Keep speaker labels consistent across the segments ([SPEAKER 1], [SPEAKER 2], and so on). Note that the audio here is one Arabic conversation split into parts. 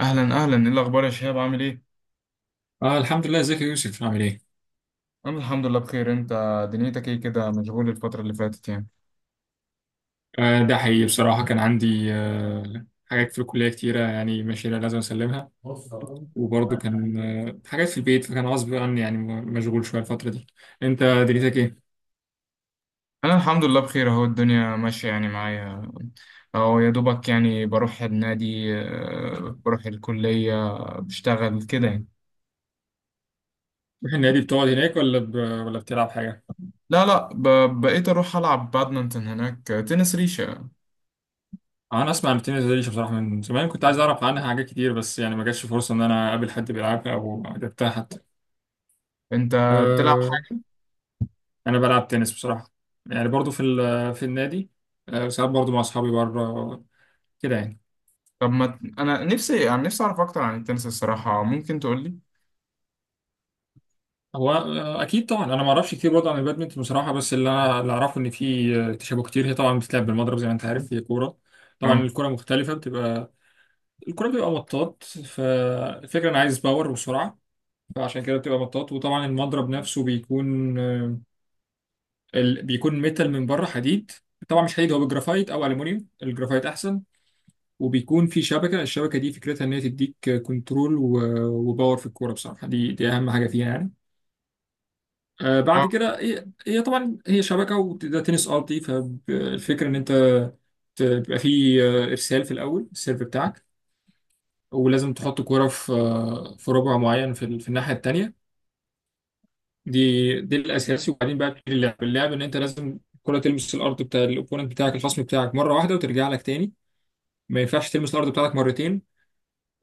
[SPEAKER 1] اهلا اهلا، ايه الاخبار يا شهاب؟ عامل ايه؟
[SPEAKER 2] آه، الحمد لله. ازيك يا يوسف عامل ايه؟
[SPEAKER 1] انا الحمد لله بخير، انت دنيتك ايه كده؟ مشغول الفتره اللي فاتت يعني؟
[SPEAKER 2] آه، ده حقيقي. بصراحة كان عندي حاجات في الكلية كتيرة يعني ماشية لازم اسلمها. وبرضه كان حاجات في البيت، فكان غصب عني يعني مشغول شوية الفترة دي. انت دنيتك ايه؟
[SPEAKER 1] انا الحمد لله بخير، اهو الدنيا ماشيه يعني معايا. اهو يا دوبك يعني بروح النادي، بروح الكليه، بشتغل كده يعني.
[SPEAKER 2] بتروح النادي بتقعد هناك ولا بتلعب حاجة؟
[SPEAKER 1] لا لا، بقيت اروح العب بادمنتون هناك، تنس ريشه.
[SPEAKER 2] انا اسمع عن التنس دي بصراحة، من زمان كنت عايز اعرف عنها حاجات كتير، بس يعني ما جاتش فرصة ان انا اقابل حد بيلعبها او لعبتها حتى.
[SPEAKER 1] انت بتلعب
[SPEAKER 2] آه
[SPEAKER 1] حاجه؟
[SPEAKER 2] انا بلعب تنس بصراحة، يعني برضه في النادي، ساعات برضه مع اصحابي بره كده يعني.
[SPEAKER 1] طب ما ت- انا نفسي، يعني نفسي اعرف اكتر عن التنس الصراحه، ممكن تقول لي؟
[SPEAKER 2] هو اكيد طبعا. انا ما اعرفش كتير برضه عن البادمنتون بصراحه، بس اللي اعرفه ان في تشابه كتير. هي طبعا بتتلعب بالمضرب زي ما انت عارف، هي كوره. طبعا
[SPEAKER 1] اه.
[SPEAKER 2] الكوره مختلفه بتبقى. الكوره بتبقى مطاط، فالفكره انا عايز باور وسرعه. فعشان كده بتبقى مطاط. وطبعا المضرب نفسه بيكون بيكون ميتال من بره، حديد. طبعا مش حديد، هو بالجرافايت او الومنيوم، الجرافايت احسن. وبيكون في شبكه. الشبكه دي فكرتها ان هي تديك كنترول وباور في الكوره بصراحه. دي اهم حاجه فيها يعني. بعد
[SPEAKER 1] أه.
[SPEAKER 2] كده هي طبعا، هي شبكه وده تنس ارضي. فالفكره ان انت بيبقى فيه ارسال في الاول، السيرف بتاعك. ولازم تحط كوره في ربع معين، في الناحيه التانيه. دي الاساسي. وبعدين بقى بتبتدي اللعب. اللعب ان انت لازم الكوره تلمس الارض بتاع الاوبوننت بتاعك، الخصم بتاعك، مره واحده وترجع لك تاني. ما ينفعش تلمس الارض بتاعتك مرتين.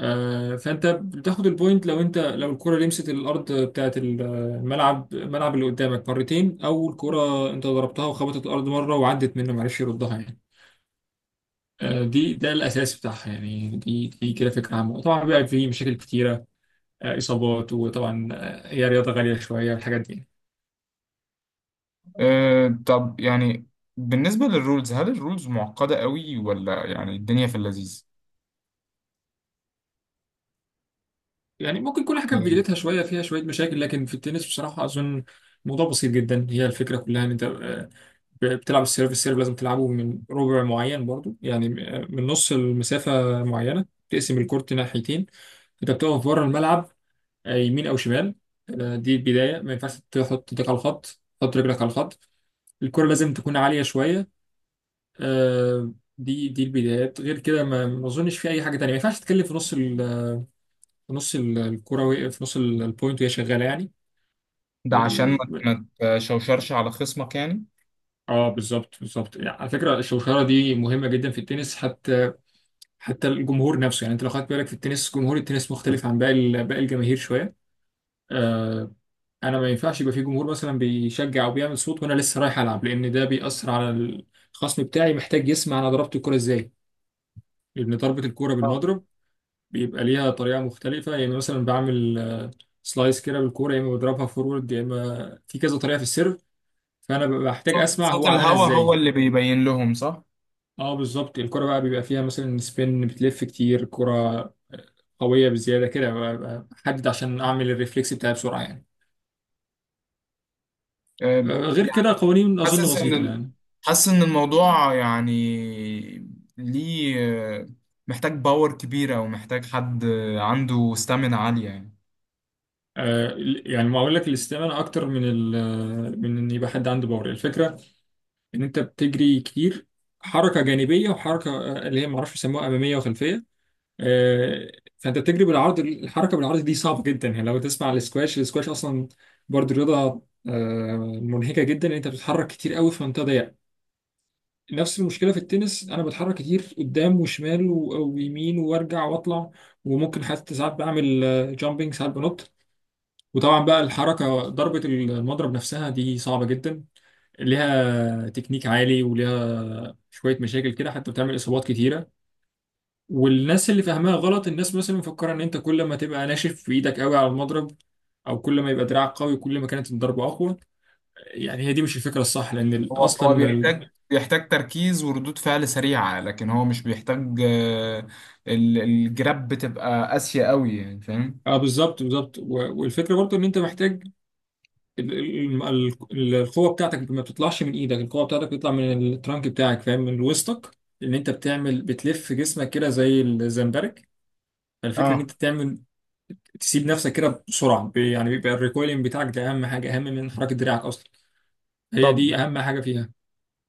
[SPEAKER 2] فانت بتاخد البوينت لو الكرة لمست الارض بتاعت الملعب اللي قدامك مرتين، او الكرة انت ضربتها وخبطت الارض مرة وعدت منه، معرفش يردها يعني. آه، دي ده الاساس بتاعها يعني. دي كده فكرة عامة. طبعا بقى في مشاكل كتيرة، اصابات، وطبعا هي رياضة غالية شوية الحاجات دي.
[SPEAKER 1] أه طب يعني بالنسبة للرولز، هل الرولز معقدة قوي ولا يعني الدنيا في اللذيذ؟
[SPEAKER 2] يعني ممكن كل حاجة في
[SPEAKER 1] يعني
[SPEAKER 2] بدايتها شوية فيها شوية مشاكل، لكن في التنس بصراحة أظن الموضوع بسيط جدا. هي الفكرة كلها إن أنت بتلعب السيرف. السيرف لازم تلعبه من ربع معين برضو، يعني من نص المسافة معينة تقسم الكورت ناحيتين. أنت بتقف بره الملعب، يمين أو شمال. دي البداية. ما ينفعش تحط ايدك على الخط، تحط رجلك على الخط. الكرة لازم تكون عالية شوية. آه، دي البدايات. غير كده، ما أظنش في أي حاجة تانية. ما ينفعش تتكلم في نص البوينت وهي شغالة يعني.
[SPEAKER 1] ده عشان ما تشوشرش على خصمك يعني.
[SPEAKER 2] اه، بالظبط يعني. على فكره الشوشره دي مهمه جدا في التنس، حتى الجمهور نفسه. يعني انت لو خدت بالك، في التنس جمهور التنس مختلف عن باقي الجماهير شويه. آه انا ما ينفعش يبقى في جمهور مثلا بيشجع او بيعمل صوت وانا لسه رايح العب، لان ده بيأثر على الخصم بتاعي. محتاج يسمع انا ضربت الكوره ازاي، لان ضربه الكوره
[SPEAKER 1] اه،
[SPEAKER 2] بالمضرب بيبقى ليها طريقه مختلفه. يعني مثلا بعمل سلايس كده بالكوره، يا اما بضربها فورورد، يا اما في كذا طريقه في السيرف. فانا ببقى محتاج اسمع
[SPEAKER 1] صوت
[SPEAKER 2] هو عملها
[SPEAKER 1] الهوا هو
[SPEAKER 2] ازاي.
[SPEAKER 1] اللي بيبين لهم، صح؟
[SPEAKER 2] اه بالظبط. الكرة بقى بيبقى فيها مثلا سبين، بتلف كتير. كرة قوية بزيادة كده، بقى أحدد عشان أعمل الريفلكس بتاعي بسرعة يعني.
[SPEAKER 1] أه
[SPEAKER 2] غير
[SPEAKER 1] يعني
[SPEAKER 2] كده القوانين أظن
[SPEAKER 1] حاسس
[SPEAKER 2] بسيطة يعني.
[SPEAKER 1] حاسس ان الموضوع يعني ليه آه، محتاج باور كبيرة، ومحتاج حد عنده ستامina عالية يعني.
[SPEAKER 2] يعني ما أقول لك الاستمانة أكتر من من إن يبقى حد عنده باور. الفكرة إن أنت بتجري كتير، حركة جانبية وحركة اللي هي معرفش يسموها، أمامية وخلفية. آه، فأنت بتجري بالعرض. الحركة بالعرض دي صعبة جدا يعني. لو تسمع السكواش، السكواش أصلا برضه رياضة منهكة جدا، إن أنت بتتحرك كتير قوي في منطقة ضيقة. نفس المشكله في التنس، انا بتحرك كتير قدام وشمال ويمين وارجع واطلع. وممكن حتى ساعات بعمل جامبنج، ساعات بنط. وطبعا بقى الحركه، ضربه المضرب نفسها دي صعبه جدا، ليها تكنيك عالي وليها شويه مشاكل كده، حتى بتعمل اصابات كتيره. والناس اللي فاهماها غلط، الناس مثلا مفكره ان انت كل ما تبقى ناشف في ايدك، قوي على المضرب، او كل ما يبقى دراعك قوي، كل ما كانت الضربه اقوى. يعني هي دي مش الفكره الصح. لان
[SPEAKER 1] هو
[SPEAKER 2] اصلا
[SPEAKER 1] بيحتاج تركيز وردود فعل سريعة، لكن هو مش بيحتاج، الجراب بتبقى قاسية قوي يعني، فاهم؟
[SPEAKER 2] اه، بالظبط والفكره برضو ان انت محتاج. القوه بتاعتك ما بتطلعش من ايدك، القوه بتاعتك بتطلع من الترانك بتاعك، فاهم، من وسطك. ان انت بتعمل، بتلف جسمك كده زي الزمبرك. الفكره ان
[SPEAKER 1] اه
[SPEAKER 2] انت تعمل، تسيب نفسك كده بسرعه، يعني بيبقى الريكويلنج بتاعك ده اهم حاجه، اهم من حركه دراعك اصلا. هي
[SPEAKER 1] طب
[SPEAKER 2] دي اهم حاجه فيها.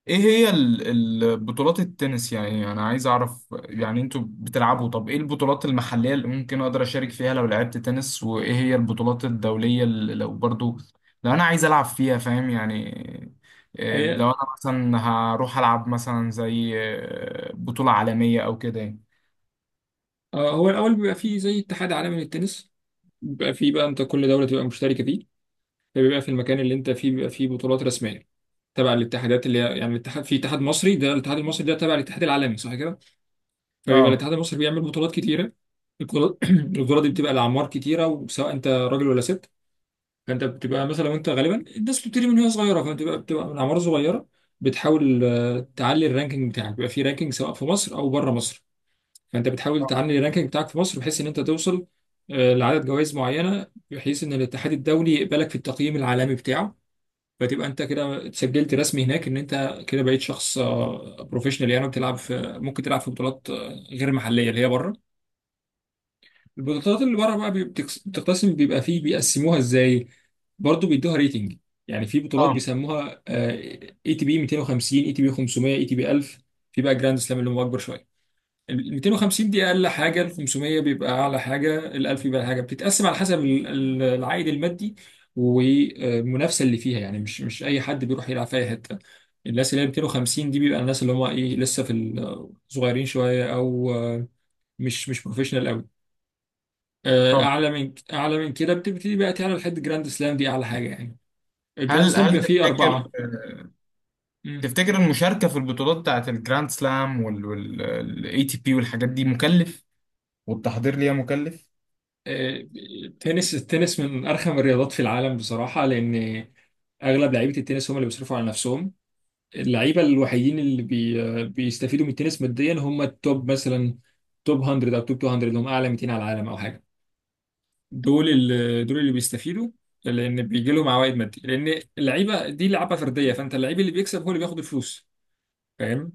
[SPEAKER 1] ايه هي بطولات التنس؟ يعني انا عايز اعرف، يعني انتوا بتلعبوا، طب ايه البطولات المحلية اللي ممكن اقدر اشارك فيها لو لعبت تنس؟ وايه هي البطولات الدولية اللي لو برضو لو انا عايز العب فيها، فاهم يعني؟ لو
[SPEAKER 2] هي
[SPEAKER 1] انا مثلا هروح العب مثلا زي بطولة عالمية او كده يعني.
[SPEAKER 2] آه، هو الاول بيبقى فيه زي اتحاد عالمي للتنس. بيبقى فيه بقى، انت كل دوله تبقى مشتركه فيه. فبيبقى في المكان اللي انت فيه بيبقى فيه بطولات رسميه، تبع الاتحادات اللي هي يعني الاتحاد. في اتحاد مصري، ده الاتحاد المصري، ده تبع الاتحاد العالمي صح كده. فبيبقى
[SPEAKER 1] اه.
[SPEAKER 2] الاتحاد المصري بيعمل بطولات كتيره. البطولات دي بتبقى لأعمار كتيره، وسواء انت راجل ولا ست. فانت بتبقى مثلا، وانت غالبا الناس بتبتدي من وهي صغيره، فانت بتبقى من اعمار صغيره. بتحاول تعلي الرانكينج بتاعك. بيبقى في رانكينج سواء في مصر او بره مصر، فانت بتحاول تعلي الرانكينج بتاعك في مصر، بحيث ان انت توصل لعدد جوائز معينه، بحيث ان الاتحاد الدولي يقبلك في التقييم العالمي بتاعه. فتبقى انت كده اتسجلت رسمي هناك، ان انت كده بقيت شخص بروفيشنال يعني. بتلعب في ممكن تلعب في بطولات غير محليه، اللي هي بره. البطولات اللي بره بقى، بتقتسم. بيبقى فيه، بيقسموها ازاي؟ برضه بيدوها ريتنج. يعني في بطولات
[SPEAKER 1] اه
[SPEAKER 2] بيسموها اي تي بي 250، اي تي بي 500، اي تي بي 1000. في بقى جراند سلام اللي هم اكبر شويه. ال 250 دي اقل حاجه، ال 500 بيبقى اعلى حاجه، ال 1000 بيبقى أعلى حاجه. بتتقسم على حسب العائد المادي والمنافسه اللي فيها يعني. مش اي حد بيروح يلعب في اي حته. الناس اللي هي 250 دي بيبقى الناس اللي هم ايه، لسه في الصغيرين شويه، او مش بروفيشنال.
[SPEAKER 1] طب
[SPEAKER 2] اعلى من كده بتبتدي بقى تعلى لحد جراند سلام، دي اعلى حاجه يعني. الجراند
[SPEAKER 1] هل
[SPEAKER 2] سلام
[SPEAKER 1] هل
[SPEAKER 2] بيبقى فيه
[SPEAKER 1] تفتكر،
[SPEAKER 2] اربعه. مم.
[SPEAKER 1] تفتكر المشاركة في البطولات بتاعت الجراند سلام والاي تي بي والحاجات دي مكلف؟ والتحضير ليها مكلف؟
[SPEAKER 2] آه، التنس من ارخم الرياضات في العالم بصراحه، لان اغلب لعيبه التنس هم اللي بيصرفوا على نفسهم. اللعيبه الوحيدين اللي بيستفيدوا من التنس ماديا هم التوب. مثلا توب 100 او توب 200 اللي هم اعلى 200 على العالم او حاجه، دول اللي بيستفيدوا، لان بيجي لهم عوائد ماديه، لان اللعيبه دي لعبه فرديه. فانت اللعيب اللي بيكسب هو اللي بياخد الفلوس، فاهم.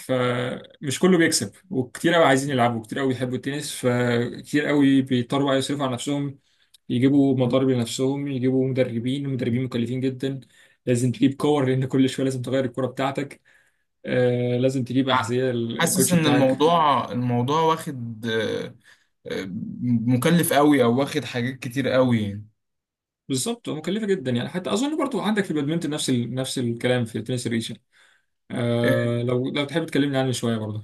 [SPEAKER 2] فمش كله بيكسب، وكتير قوي عايزين يلعبوا، وكتير قوي بيحبوا التنس، فكتير قوي بيضطروا بقى يصرفوا على نفسهم. يجيبوا مضارب لنفسهم، يجيبوا مدربين مكلفين جدا. لازم تجيب كور، لان كل شويه لازم تغير الكوره بتاعتك. لازم تجيب
[SPEAKER 1] ع-
[SPEAKER 2] احذيه،
[SPEAKER 1] حاسس
[SPEAKER 2] الكوتش
[SPEAKER 1] ان
[SPEAKER 2] بتاعك.
[SPEAKER 1] الموضوع واخد، آه، مكلف قوي او واخد حاجات كتير قوي يعني.
[SPEAKER 2] بالظبط، مكلفه جدا يعني. حتى اظن برضو عندك في البادمنتون نفس الكلام في التنس الريشه. لو تحب تكلمني عنه شويه برضو.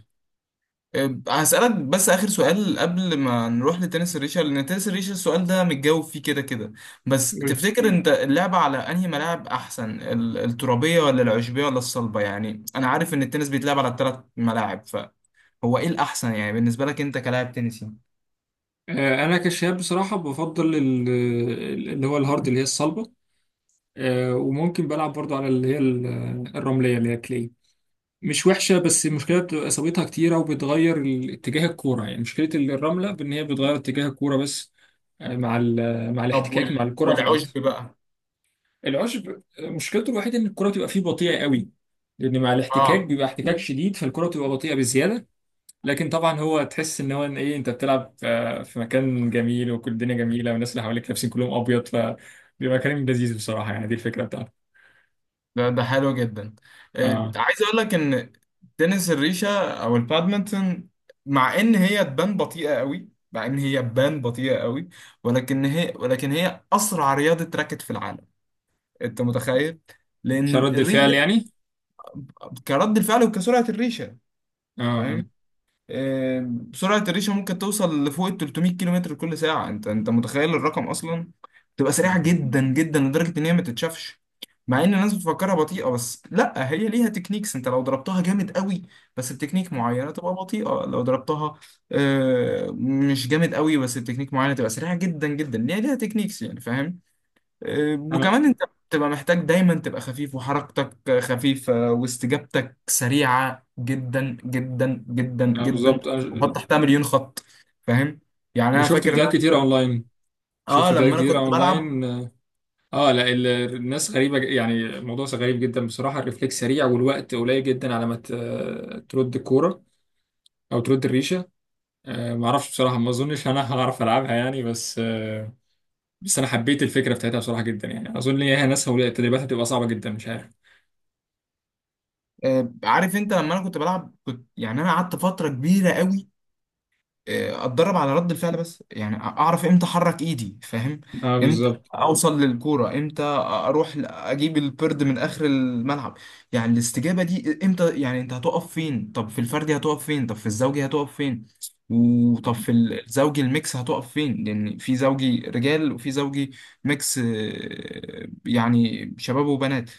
[SPEAKER 1] أه، هسألك بس آخر سؤال قبل ما نروح لتنس الريشة، لأن تنس الريشة السؤال ده متجاوب فيه كده كده. بس
[SPEAKER 2] قول.
[SPEAKER 1] تفتكر أنت اللعبة على أنهي ملاعب أحسن؟ الترابية ولا العشبية ولا الصلبة؟ يعني أنا عارف إن التنس بيتلعب على الثلاث ملاعب، فهو إيه الأحسن يعني بالنسبة لك أنت كلاعب تنسي؟
[SPEAKER 2] انا كشاب بصراحه بفضل اللي هو الهارد، اللي هي الصلبه. وممكن بلعب برضو على اللي هي الرملية اللي هي كلي. مش وحشة، بس المشكلة بتبقى إصابتها كتيرة، وبتغير اتجاه الكورة. يعني مشكلة الرملة بإن هي بتغير اتجاه الكورة بس، آه، مع ال- آه، مع
[SPEAKER 1] طب
[SPEAKER 2] الاحتكاك مع
[SPEAKER 1] وال...
[SPEAKER 2] الكرة في الأرض.
[SPEAKER 1] والعشب بقى؟
[SPEAKER 2] العشب مشكلته الوحيدة إن الكرة بتبقى فيه بطيئة قوي، لأن مع الاحتكاك
[SPEAKER 1] اه.
[SPEAKER 2] بيبقى احتكاك شديد، فالكرة بتبقى بطيئة بزيادة. لكن طبعا هو تحس إن هو، إن إيه أنت بتلعب في مكان جميل، وكل الدنيا جميلة والناس اللي حواليك لابسين كلهم أبيض، فبيبقى كلام لذيذ بصراحة يعني، دي الفكرة بتاعته.
[SPEAKER 1] ده ده حلو جدا.
[SPEAKER 2] آه.
[SPEAKER 1] عايز اقول لك ان تنس الريشه او البادمنتون، مع ان هي تبان بطيئه قوي، ولكن هي، ولكن هي اسرع رياضه راكت في العالم. انت متخيل؟
[SPEAKER 2] مش
[SPEAKER 1] لان
[SPEAKER 2] رد الفعل
[SPEAKER 1] الريشه
[SPEAKER 2] يعني؟
[SPEAKER 1] كرد الفعل وكسرعه الريشه،
[SPEAKER 2] اه، آه.
[SPEAKER 1] فاهم؟ آم، سرعة الريشة ممكن توصل لفوق ال 300 كيلو متر كل ساعة. انت متخيل الرقم اصلا؟ تبقى سريعة
[SPEAKER 2] مم.
[SPEAKER 1] جدا جدا لدرجة ان هي ما تتشافش. مع ان الناس بتفكرها بطيئة، بس لا، هي ليها تكنيكس. انت لو ضربتها جامد قوي بس بتكنيك معينة تبقى بطيئة، لو ضربتها مش جامد قوي بس بتكنيك معينة تبقى سريعة جدا جدا. ليها، ليها تكنيكس يعني، فاهم؟
[SPEAKER 2] انا.
[SPEAKER 1] وكمان انت بتبقى محتاج دايما تبقى خفيف، وحركتك خفيفة، واستجابتك سريعة جدا جدا جدا جدا،
[SPEAKER 2] بالظبط،
[SPEAKER 1] وحط
[SPEAKER 2] انا.
[SPEAKER 1] تحتها مليون خط، فاهم يعني؟
[SPEAKER 2] أنا
[SPEAKER 1] انا
[SPEAKER 2] شفت
[SPEAKER 1] فاكر ان
[SPEAKER 2] فيديوهات كتيره اونلاين.
[SPEAKER 1] اه لما انا كنت بلعب،
[SPEAKER 2] اه. لا، الناس غريبه، يعني الموضوع غريب جدا بصراحه. الريفلكس سريع والوقت قليل جدا على ما ترد الكوره، او ترد الريشه. ما اعرفش بصراحه، ما اظنش انا هعرف العبها يعني، بس انا حبيت الفكره بتاعتها بصراحه جدا يعني. اظن ان هي ناسها والتدريبات هتبقى صعبه جدا، مش عارف.
[SPEAKER 1] عارف انت لما انا كنت بلعب كنت، يعني انا قعدت فترة كبيرة قوي اتدرب على رد الفعل، بس يعني اعرف امتى احرك ايدي، فاهم؟
[SPEAKER 2] اه
[SPEAKER 1] امتى
[SPEAKER 2] بالظبط.
[SPEAKER 1] اوصل للكوره، امتى اروح اجيب البرد من اخر الملعب، يعني الاستجابه دي امتى، يعني انت هتقف فين، طب في الفردي هتقف فين، طب في الزوجي هتقف فين، وطب في الزوجي الميكس هتقف فين، لان في زوجي رجال، وفي زوجي ميكس، يعني شباب وبنات،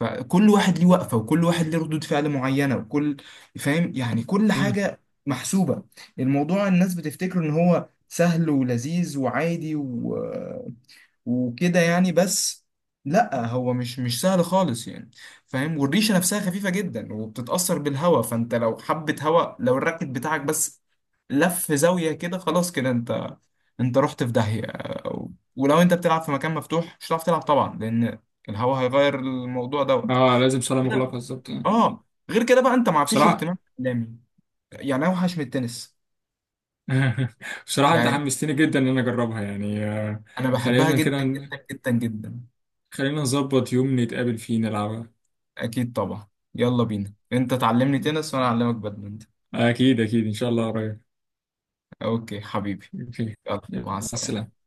[SPEAKER 1] فكل واحد ليه وقفه، وكل واحد ليه ردود فعل معينه، وكل، فاهم يعني، كل
[SPEAKER 2] مم.
[SPEAKER 1] حاجه محسوبه. الموضوع الناس بتفتكره ان هو سهل ولذيذ وعادي وكده يعني، بس لا، هو مش سهل خالص يعني، فاهم؟ والريشه نفسها خفيفه جدا وبتتاثر بالهواء، فانت لو حبه هواء، لو الراكت بتاعك بس لف زاويه كده، خلاص كده انت، انت رحت في داهيه. و- ولو انت بتلعب في مكان مفتوح مش هتعرف تلعب طبعا، لان الهواء هيغير الموضوع دوت
[SPEAKER 2] اه، لازم صاله
[SPEAKER 1] كده.
[SPEAKER 2] مغلقه بالظبط. آه.
[SPEAKER 1] اه، غير كده بقى انت ما فيش
[SPEAKER 2] بصراحه
[SPEAKER 1] اهتمام اعلامي، يعني اوحش من التنس.
[SPEAKER 2] بصراحة أنت
[SPEAKER 1] يعني
[SPEAKER 2] حمستني جدا إن أنا أجربها يعني.
[SPEAKER 1] انا بحبها
[SPEAKER 2] خلينا كده
[SPEAKER 1] جدا
[SPEAKER 2] ن-
[SPEAKER 1] جدا جدا جدا.
[SPEAKER 2] خلينا نظبط يوم نتقابل فيه نلعبها.
[SPEAKER 1] اكيد طبعا. يلا بينا، انت تعلمني تنس وانا اعلمك بادمنتون.
[SPEAKER 2] أكيد أكيد إن شاء الله قريب.
[SPEAKER 1] اوكي حبيبي.
[SPEAKER 2] أوكي.
[SPEAKER 1] يلا،
[SPEAKER 2] يلا،
[SPEAKER 1] مع
[SPEAKER 2] مع
[SPEAKER 1] السلامة.
[SPEAKER 2] السلامة.